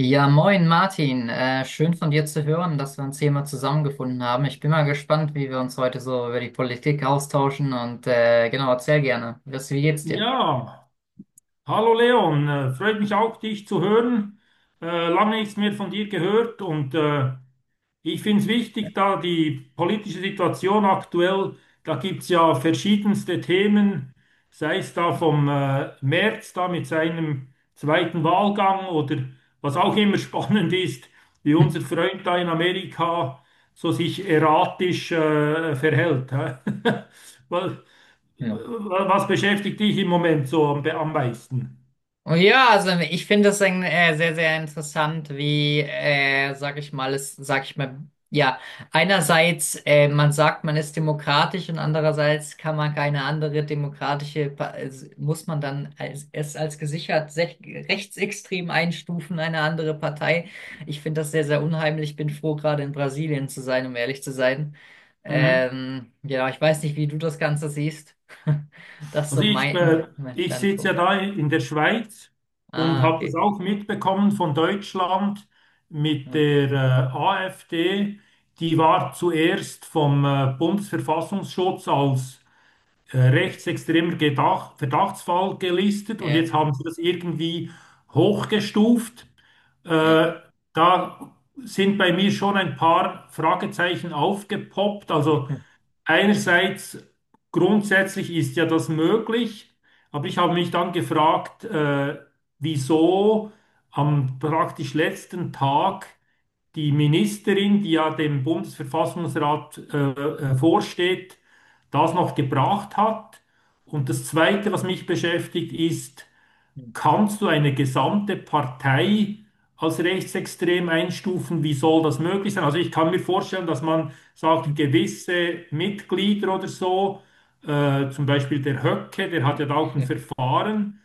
Ja, moin Martin. Schön von dir zu hören, dass wir uns hier mal zusammengefunden haben. Ich bin mal gespannt, wie wir uns heute so über die Politik austauschen und genau, erzähl gerne. Wie geht's dir? Ja, hallo Leon, freut mich auch, dich zu hören. Lange nichts mehr von dir gehört und ich finde es wichtig, da die politische Situation aktuell, da gibt es ja verschiedenste Themen, sei es da vom Merz da mit seinem zweiten Wahlgang oder was auch immer spannend ist, wie Hm. unser Freund da in Amerika so sich erratisch verhält. Hä? Weil- Ja. Was beschäftigt dich im Moment so am meisten? Oh ja, also ich finde es sehr, sehr interessant, sag ich mal, es, sag ich mal, ja, einerseits, man sagt, man ist demokratisch und andererseits kann man keine andere also muss man dann es als rechtsextrem einstufen, eine andere Partei. Ich finde das sehr, sehr unheimlich. Ich bin froh, gerade in Brasilien zu sein, um ehrlich zu sein. Mhm. Ja, ich weiß nicht, wie du das Ganze siehst. Das ist so Also ich, mein, mein äh, mein ich sitze ja Standpunkt. da in der Schweiz und Ah, habe das okay. auch mitbekommen von Deutschland mit Ja, der AfD. Die war zuerst vom Bundesverfassungsschutz als ja, rechtsextremer Gedach Verdachtsfall gelistet und jetzt haben sie das irgendwie hochgestuft. ja, ja. Äh, Da sind bei mir schon ein paar Fragezeichen aufgepoppt. Also einerseits grundsätzlich ist ja das möglich, aber ich habe mich dann gefragt, wieso am praktisch letzten Tag die Ministerin, die ja dem Bundesverfassungsrat vorsteht, das noch gebracht hat. Und das Zweite, was mich beschäftigt, ist: Kannst du eine gesamte Partei als rechtsextrem einstufen? Wie soll das möglich sein? Also ich kann mir vorstellen, dass man sagt, gewisse Mitglieder oder so, zum Beispiel der Höcke, der hat ja da auch ein Verfahren.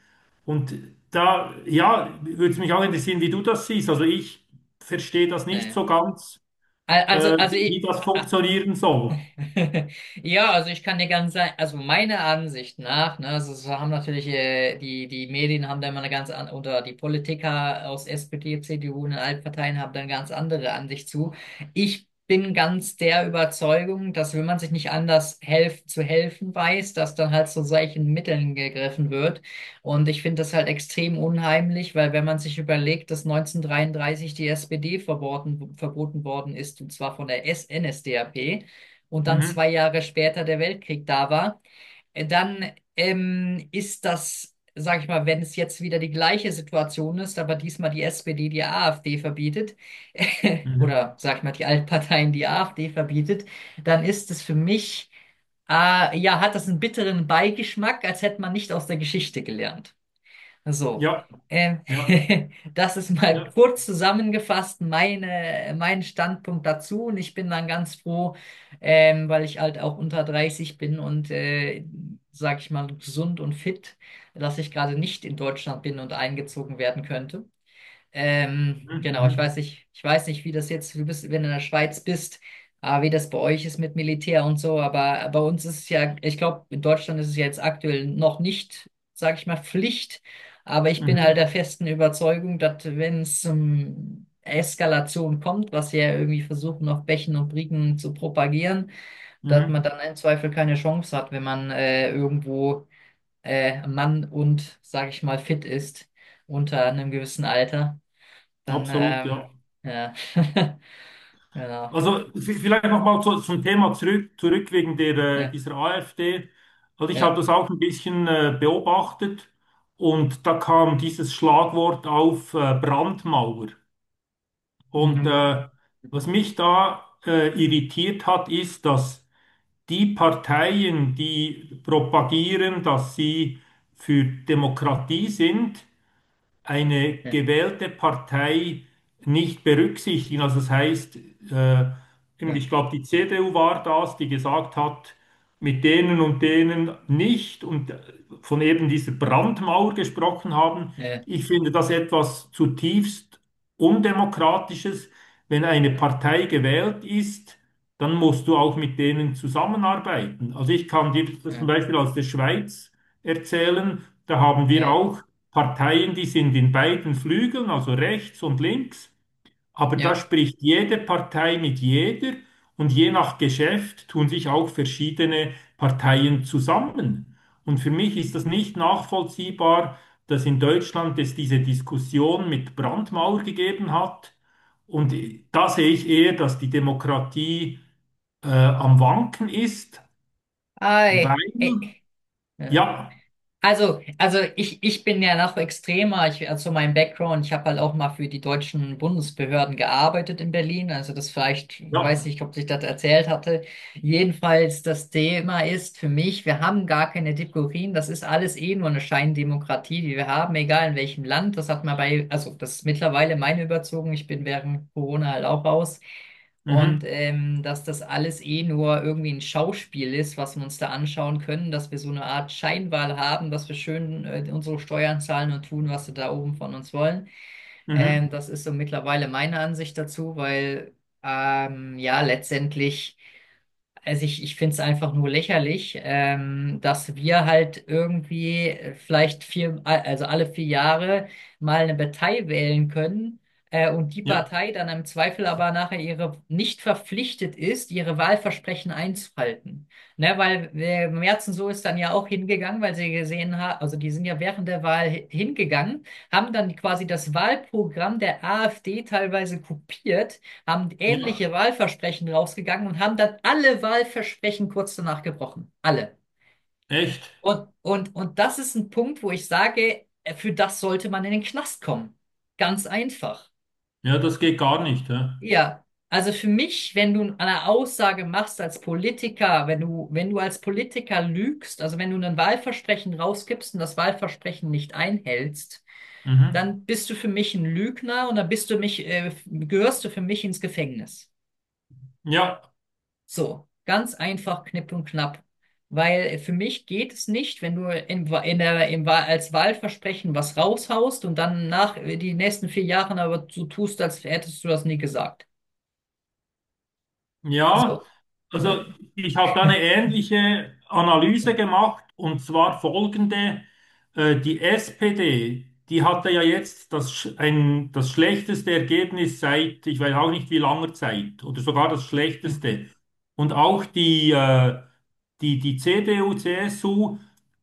Und da, ja, würde es mich auch interessieren, wie du das siehst. Also ich verstehe das nicht Ja. so ganz, Also, also wie ich, das funktionieren soll. ja, also ich kann dir ganz sagen, also meiner Ansicht nach, ne, also es haben natürlich die, die Medien haben da immer eine ganz andere, oder die Politiker aus SPD, CDU und den Altparteien haben da eine ganz andere Ansicht zu. Ich bin ganz der Überzeugung, dass wenn man sich nicht anders helfen weiß, dass dann halt zu solchen Mitteln gegriffen wird. Und ich finde das halt extrem unheimlich, weil wenn man sich überlegt, dass 1933 die SPD verboten worden ist, und zwar von der NSDAP, und dann Mhm. zwei Jahre später der Weltkrieg da war, dann ist das, sag ich mal, wenn es jetzt wieder die gleiche Situation ist, aber diesmal die SPD die AfD verbietet, Mhm. oder sag ich mal, die Altparteien die AfD verbietet, dann ist es für mich, ja, hat das einen bitteren Beigeschmack, als hätte man nicht aus der Geschichte gelernt. So, Ja, ähm, ja, das ist mal ja. kurz zusammengefasst mein Standpunkt dazu. Und ich bin dann ganz froh, weil ich halt auch unter 30 bin sag ich mal, gesund und fit, dass ich gerade nicht in Deutschland bin und eingezogen werden könnte. Mhm. Genau, Mhm. Ich weiß nicht, du bist, wenn du in der Schweiz bist, ah, wie das bei euch ist mit Militär und so, aber bei uns ist es ja, ich glaube, in Deutschland ist es ja jetzt aktuell noch nicht, sag ich mal, Pflicht, aber ich bin halt Mhm. der festen Überzeugung, dass wenn es Eskalation kommt, was sie ja irgendwie versuchen, auf Bächen und Brücken zu propagieren, dass man Mhm. dann im Zweifel keine Chance hat, wenn man irgendwo Mann und, sag ich mal, fit ist unter einem gewissen Alter. Dann, Absolut, ja. ja, genau, Also vielleicht nochmal zum Thema zurück wegen der, ja, dieser AfD. Also ich habe ja, das auch ein bisschen beobachtet und da kam dieses Schlagwort auf Brandmauer. Und mhm, mhm, was mich da irritiert hat, ist, dass die Parteien, die propagieren, dass sie für Demokratie sind, eine ja, gewählte Partei nicht berücksichtigen. Also das heißt, äh, ich glaube, die CDU war das, die gesagt hat, mit denen und denen nicht, und von eben dieser Brandmauer gesprochen haben. ja, ja, Ich finde das etwas zutiefst Undemokratisches. Wenn eine ja, Partei gewählt ist, dann musst du auch mit denen zusammenarbeiten. Also ich kann dir das ja, zum Beispiel aus der Schweiz erzählen. Da haben wir ja, auch Parteien, die sind in beiden Flügeln, also rechts und links, aber da ja, spricht jede Partei mit jeder, und je nach Geschäft tun sich auch verschiedene Parteien zusammen. Und für mich ist das nicht nachvollziehbar, dass in Deutschland es diese Diskussion mit Brandmauer gegeben hat. Und hm, da sehe ich eher, dass die Demokratie am Wanken ist, ei, ey, weil, ja. ja, Ich bin ja noch extremer. Ich, also mein Background, ich habe halt auch mal für die deutschen Bundesbehörden gearbeitet in Berlin. Also das vielleicht, weiß ja, ich, ob ich das erzählt hatte. Jedenfalls, das Thema ist für mich, wir haben gar keine Demokratien. Das ist alles eh nur eine Scheindemokratie, die wir haben, egal in welchem Land. Das hat man bei, also das ist mittlerweile meine Überzeugung. Ich bin während Corona halt auch raus. Und mhm, dass das alles eh nur irgendwie ein Schauspiel ist, was wir uns da anschauen können, dass wir so eine Art Scheinwahl haben, dass wir schön unsere Steuern zahlen und tun, was sie da oben von uns wollen. mhm. Das ist so mittlerweile meine Ansicht dazu, weil ja letztendlich. Ich finde es einfach nur lächerlich, dass wir halt irgendwie also alle 4 Jahre mal eine Partei wählen können, und die Ja, Partei dann im Zweifel aber nachher ihre nicht verpflichtet ist, ihre Wahlversprechen einzuhalten. Ne, weil Merzen so ist dann ja auch hingegangen, weil sie gesehen haben, also die sind ja während der Wahl hingegangen, haben dann quasi das Wahlprogramm der AfD teilweise kopiert, haben ja, ähnliche Wahlversprechen rausgegangen und haben dann alle Wahlversprechen kurz danach gebrochen. Alle. echt. Und das ist ein Punkt, wo ich sage, für das sollte man in den Knast kommen. Ganz einfach. Ja, das geht gar nicht. Ja, Ja. Also für mich, wenn du eine Aussage machst als Politiker, wenn du als Politiker lügst, also wenn du ein Wahlversprechen rausgibst und das Wahlversprechen nicht einhältst, mhm. dann bist du für mich ein Lügner und dann bist gehörst du für mich ins Gefängnis. Ja, So, ganz einfach, knipp und knapp. Weil für mich geht es nicht, wenn du im, Wa- in der, im, Wa- als Wahlversprechen was raushaust und dann nach die nächsten 4 Jahren aber so tust, als hättest du das nie gesagt. ja. So. Äh, Also ich habe da eine ähnliche Analyse äh, gemacht, und zwar folgende. Die SPD, die hatte ja jetzt das schlechteste Ergebnis seit, ich weiß auch nicht wie langer Zeit, oder sogar das Ja. schlechteste. Und auch die CDU, CSU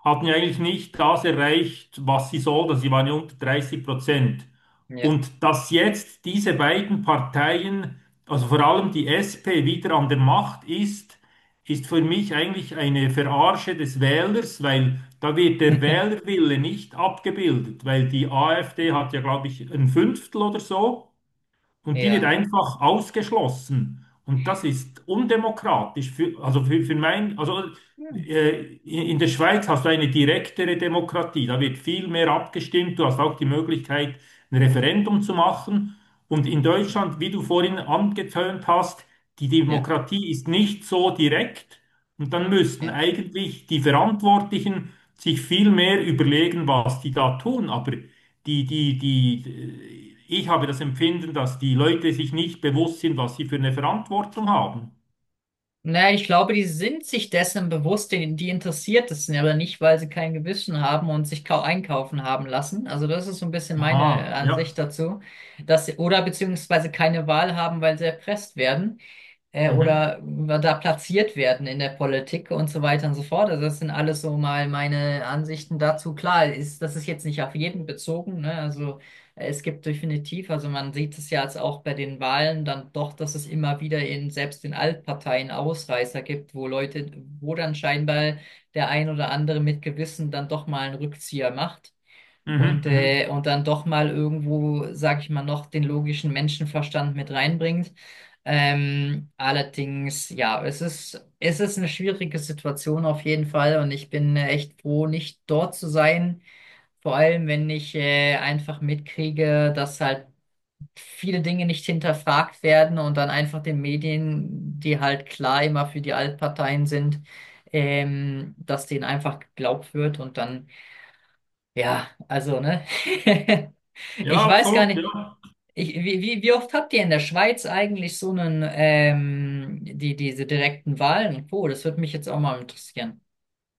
hatten ja eigentlich nicht das erreicht, was sie sollten. Sie waren ja unter 30%. Ja. Und dass jetzt diese beiden Parteien, also vor allem die SP, wieder an der Macht ist, ist für mich eigentlich eine Verarsche des Wählers, weil da wird der Wählerwille nicht abgebildet, weil die AfD hat ja, glaube ich, ein Fünftel oder so. Und die wird Ja. einfach ausgeschlossen. Und das ist undemokratisch. Für, also für mein, also In der Schweiz hast du eine direktere Demokratie. Da wird viel mehr abgestimmt. Du hast auch die Möglichkeit, ein Referendum zu machen. Und in Hm. Deutschland, wie du vorhin angetönt hast, die Ja. Demokratie ist nicht so direkt. Und dann müssten eigentlich die Verantwortlichen sich viel mehr überlegen, was die da tun. Aber ich habe das Empfinden, dass die Leute sich nicht bewusst sind, was sie für eine Verantwortung haben. Naja, ich glaube, die sind sich dessen bewusst, die, die interessiert es ja aber nicht, weil sie kein Gewissen haben und sich kau einkaufen haben lassen. Also das ist so ein bisschen meine Aha, Ansicht ja. dazu, dass sie, oder beziehungsweise keine Wahl haben, weil sie erpresst werden Mhm, oder da platziert werden in der Politik und so weiter und so fort. Also das sind alles so mal meine Ansichten dazu. Das ist jetzt nicht auf jeden bezogen, ne? Also es gibt definitiv, also man sieht es ja jetzt auch bei den Wahlen dann doch, dass es immer wieder in selbst in Altparteien Ausreißer gibt, wo Leute, wo dann scheinbar der ein oder andere mit Gewissen dann doch mal einen Rückzieher macht mhm, mhm. Und dann doch mal irgendwo, sag ich mal, noch den logischen Menschenverstand mit reinbringt. Allerdings, ja, es ist eine schwierige Situation auf jeden Fall und ich bin echt froh, nicht dort zu sein. Vor allem, wenn ich einfach mitkriege, dass halt viele Dinge nicht hinterfragt werden und dann einfach den Medien, die halt klar immer für die Altparteien sind, dass denen einfach geglaubt wird und dann ja, also, ne? Ja, Ich weiß gar absolut, nicht, ja. ich, wie, wie, wie oft habt ihr in der Schweiz eigentlich so einen, diese direkten Wahlen und Co.? Das würde mich jetzt auch mal interessieren.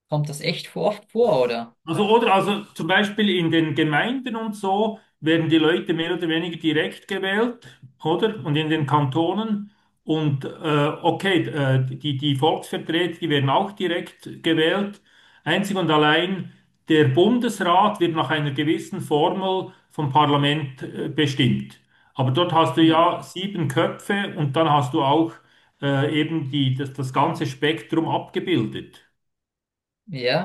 Kommt das echt oft vor, oder? Also zum Beispiel in den Gemeinden und so werden die Leute mehr oder weniger direkt gewählt, oder? Und in den Kantonen. Hm. Und okay, die Volksvertreter, die werden auch direkt gewählt. Einzig und allein der Bundesrat wird nach einer gewissen Formel vom Parlament bestimmt. Aber dort hast du Hm. ja sieben Köpfe, und dann hast du auch eben das ganze Spektrum abgebildet.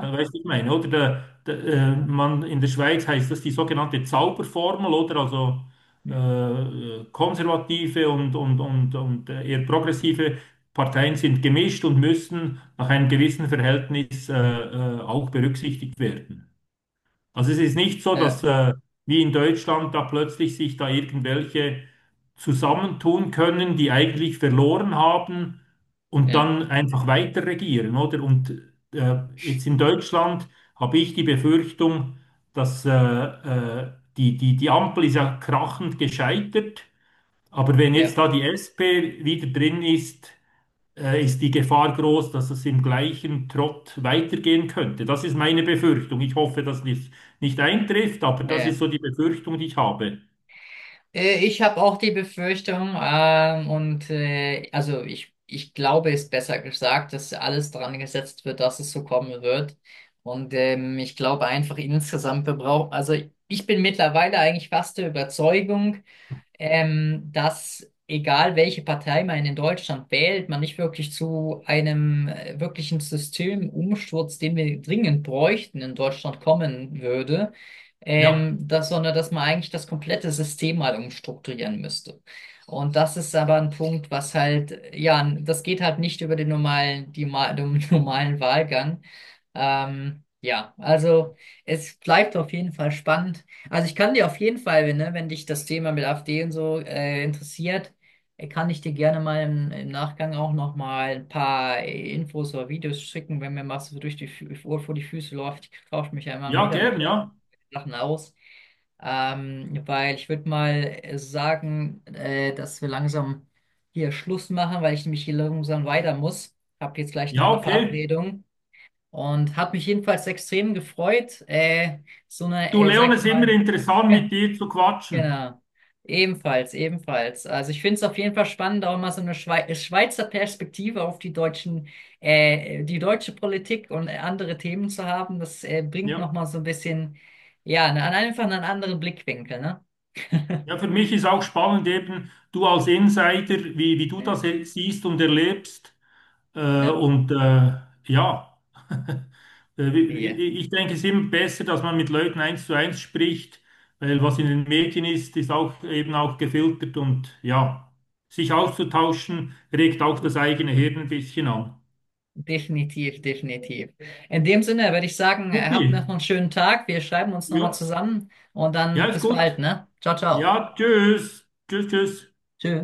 Ja, weißt du, ich meine, oder? Der, äh, Hm. man, in der Schweiz heißt das die sogenannte Zauberformel, oder? Also Hm. Konservative und eher progressive Parteien sind gemischt und müssen nach einem gewissen Verhältnis auch berücksichtigt werden. Also es ist nicht so, dass Ja, wie in Deutschland da plötzlich sich da irgendwelche zusammentun können, die eigentlich verloren haben und ja, dann einfach weiter regieren, oder? Und jetzt in Deutschland habe ich die Befürchtung, dass die Ampel ist ja krachend gescheitert, aber wenn jetzt ja, da die SP wieder drin ist, ist die Gefahr groß, dass es im gleichen Trott weitergehen könnte. Das ist meine Befürchtung. Ich hoffe, dass dies nicht eintrifft, aber das ist ja. so die Befürchtung, die ich habe. Ich habe auch die Befürchtung, ich glaube, ist besser gesagt, dass alles dran gesetzt wird, dass es so kommen wird. Und ich glaube einfach insgesamt, wir brauchen, also ich bin mittlerweile eigentlich fast der Überzeugung, dass egal welche Partei man in Deutschland wählt, man nicht wirklich zu einem wirklichen Systemumsturz, den wir dringend bräuchten, in Deutschland kommen würde, Ja, sondern dass man eigentlich das komplette System mal umstrukturieren müsste. Und das ist aber ein Punkt, was halt, ja, das geht halt nicht über den den normalen Wahlgang. Ja, also es bleibt auf jeden Fall spannend. Also ich kann dir auf jeden Fall, wenn, ne, wenn dich das Thema mit AfD und so interessiert, kann ich dir gerne mal im Nachgang auch noch mal ein paar Infos oder Videos schicken, wenn mir mal so durch die Ohr vor die Füße läuft. Ich tausche mich ja immer ja, wieder mit gern, Leuten, ja. Sachen aus. Weil ich würde mal sagen, dass wir langsam hier Schluss machen, weil ich nämlich hier langsam weiter muss. Hab jetzt gleich noch Ja, eine okay. Verabredung. Und hat mich jedenfalls extrem gefreut. So eine, Du, sag Leon, ich es ist immer mal, interessant, ge- mit dir zu quatschen. genau. Ebenfalls, ebenfalls. Also ich finde es auf jeden Fall spannend, auch mal so eine Schweizer Perspektive auf die deutsche Politik und andere Themen zu haben. Das bringt Ja. nochmal so ein bisschen, ja, einfach einen anderen Blickwinkel, ne? Ja, für mich ist auch spannend eben, du als Insider, wie du Ja, das siehst und erlebst. Ja. Und ja. Ja. Ich denke, es ist immer besser, dass man mit Leuten eins zu eins spricht, weil was in den Medien ist, ist auch eben auch gefiltert, und ja, sich auszutauschen regt auch das eigene Hirn ein bisschen an. Definitiv, definitiv. In dem Sinne würde ich sagen, Supi, habt noch einen schönen Tag. Wir schreiben uns nochmal ja, zusammen und ja, dann ist bis bald, gut. ne? Ciao, ciao. Ja, tschüss, tschüss, tschüss. Tschö.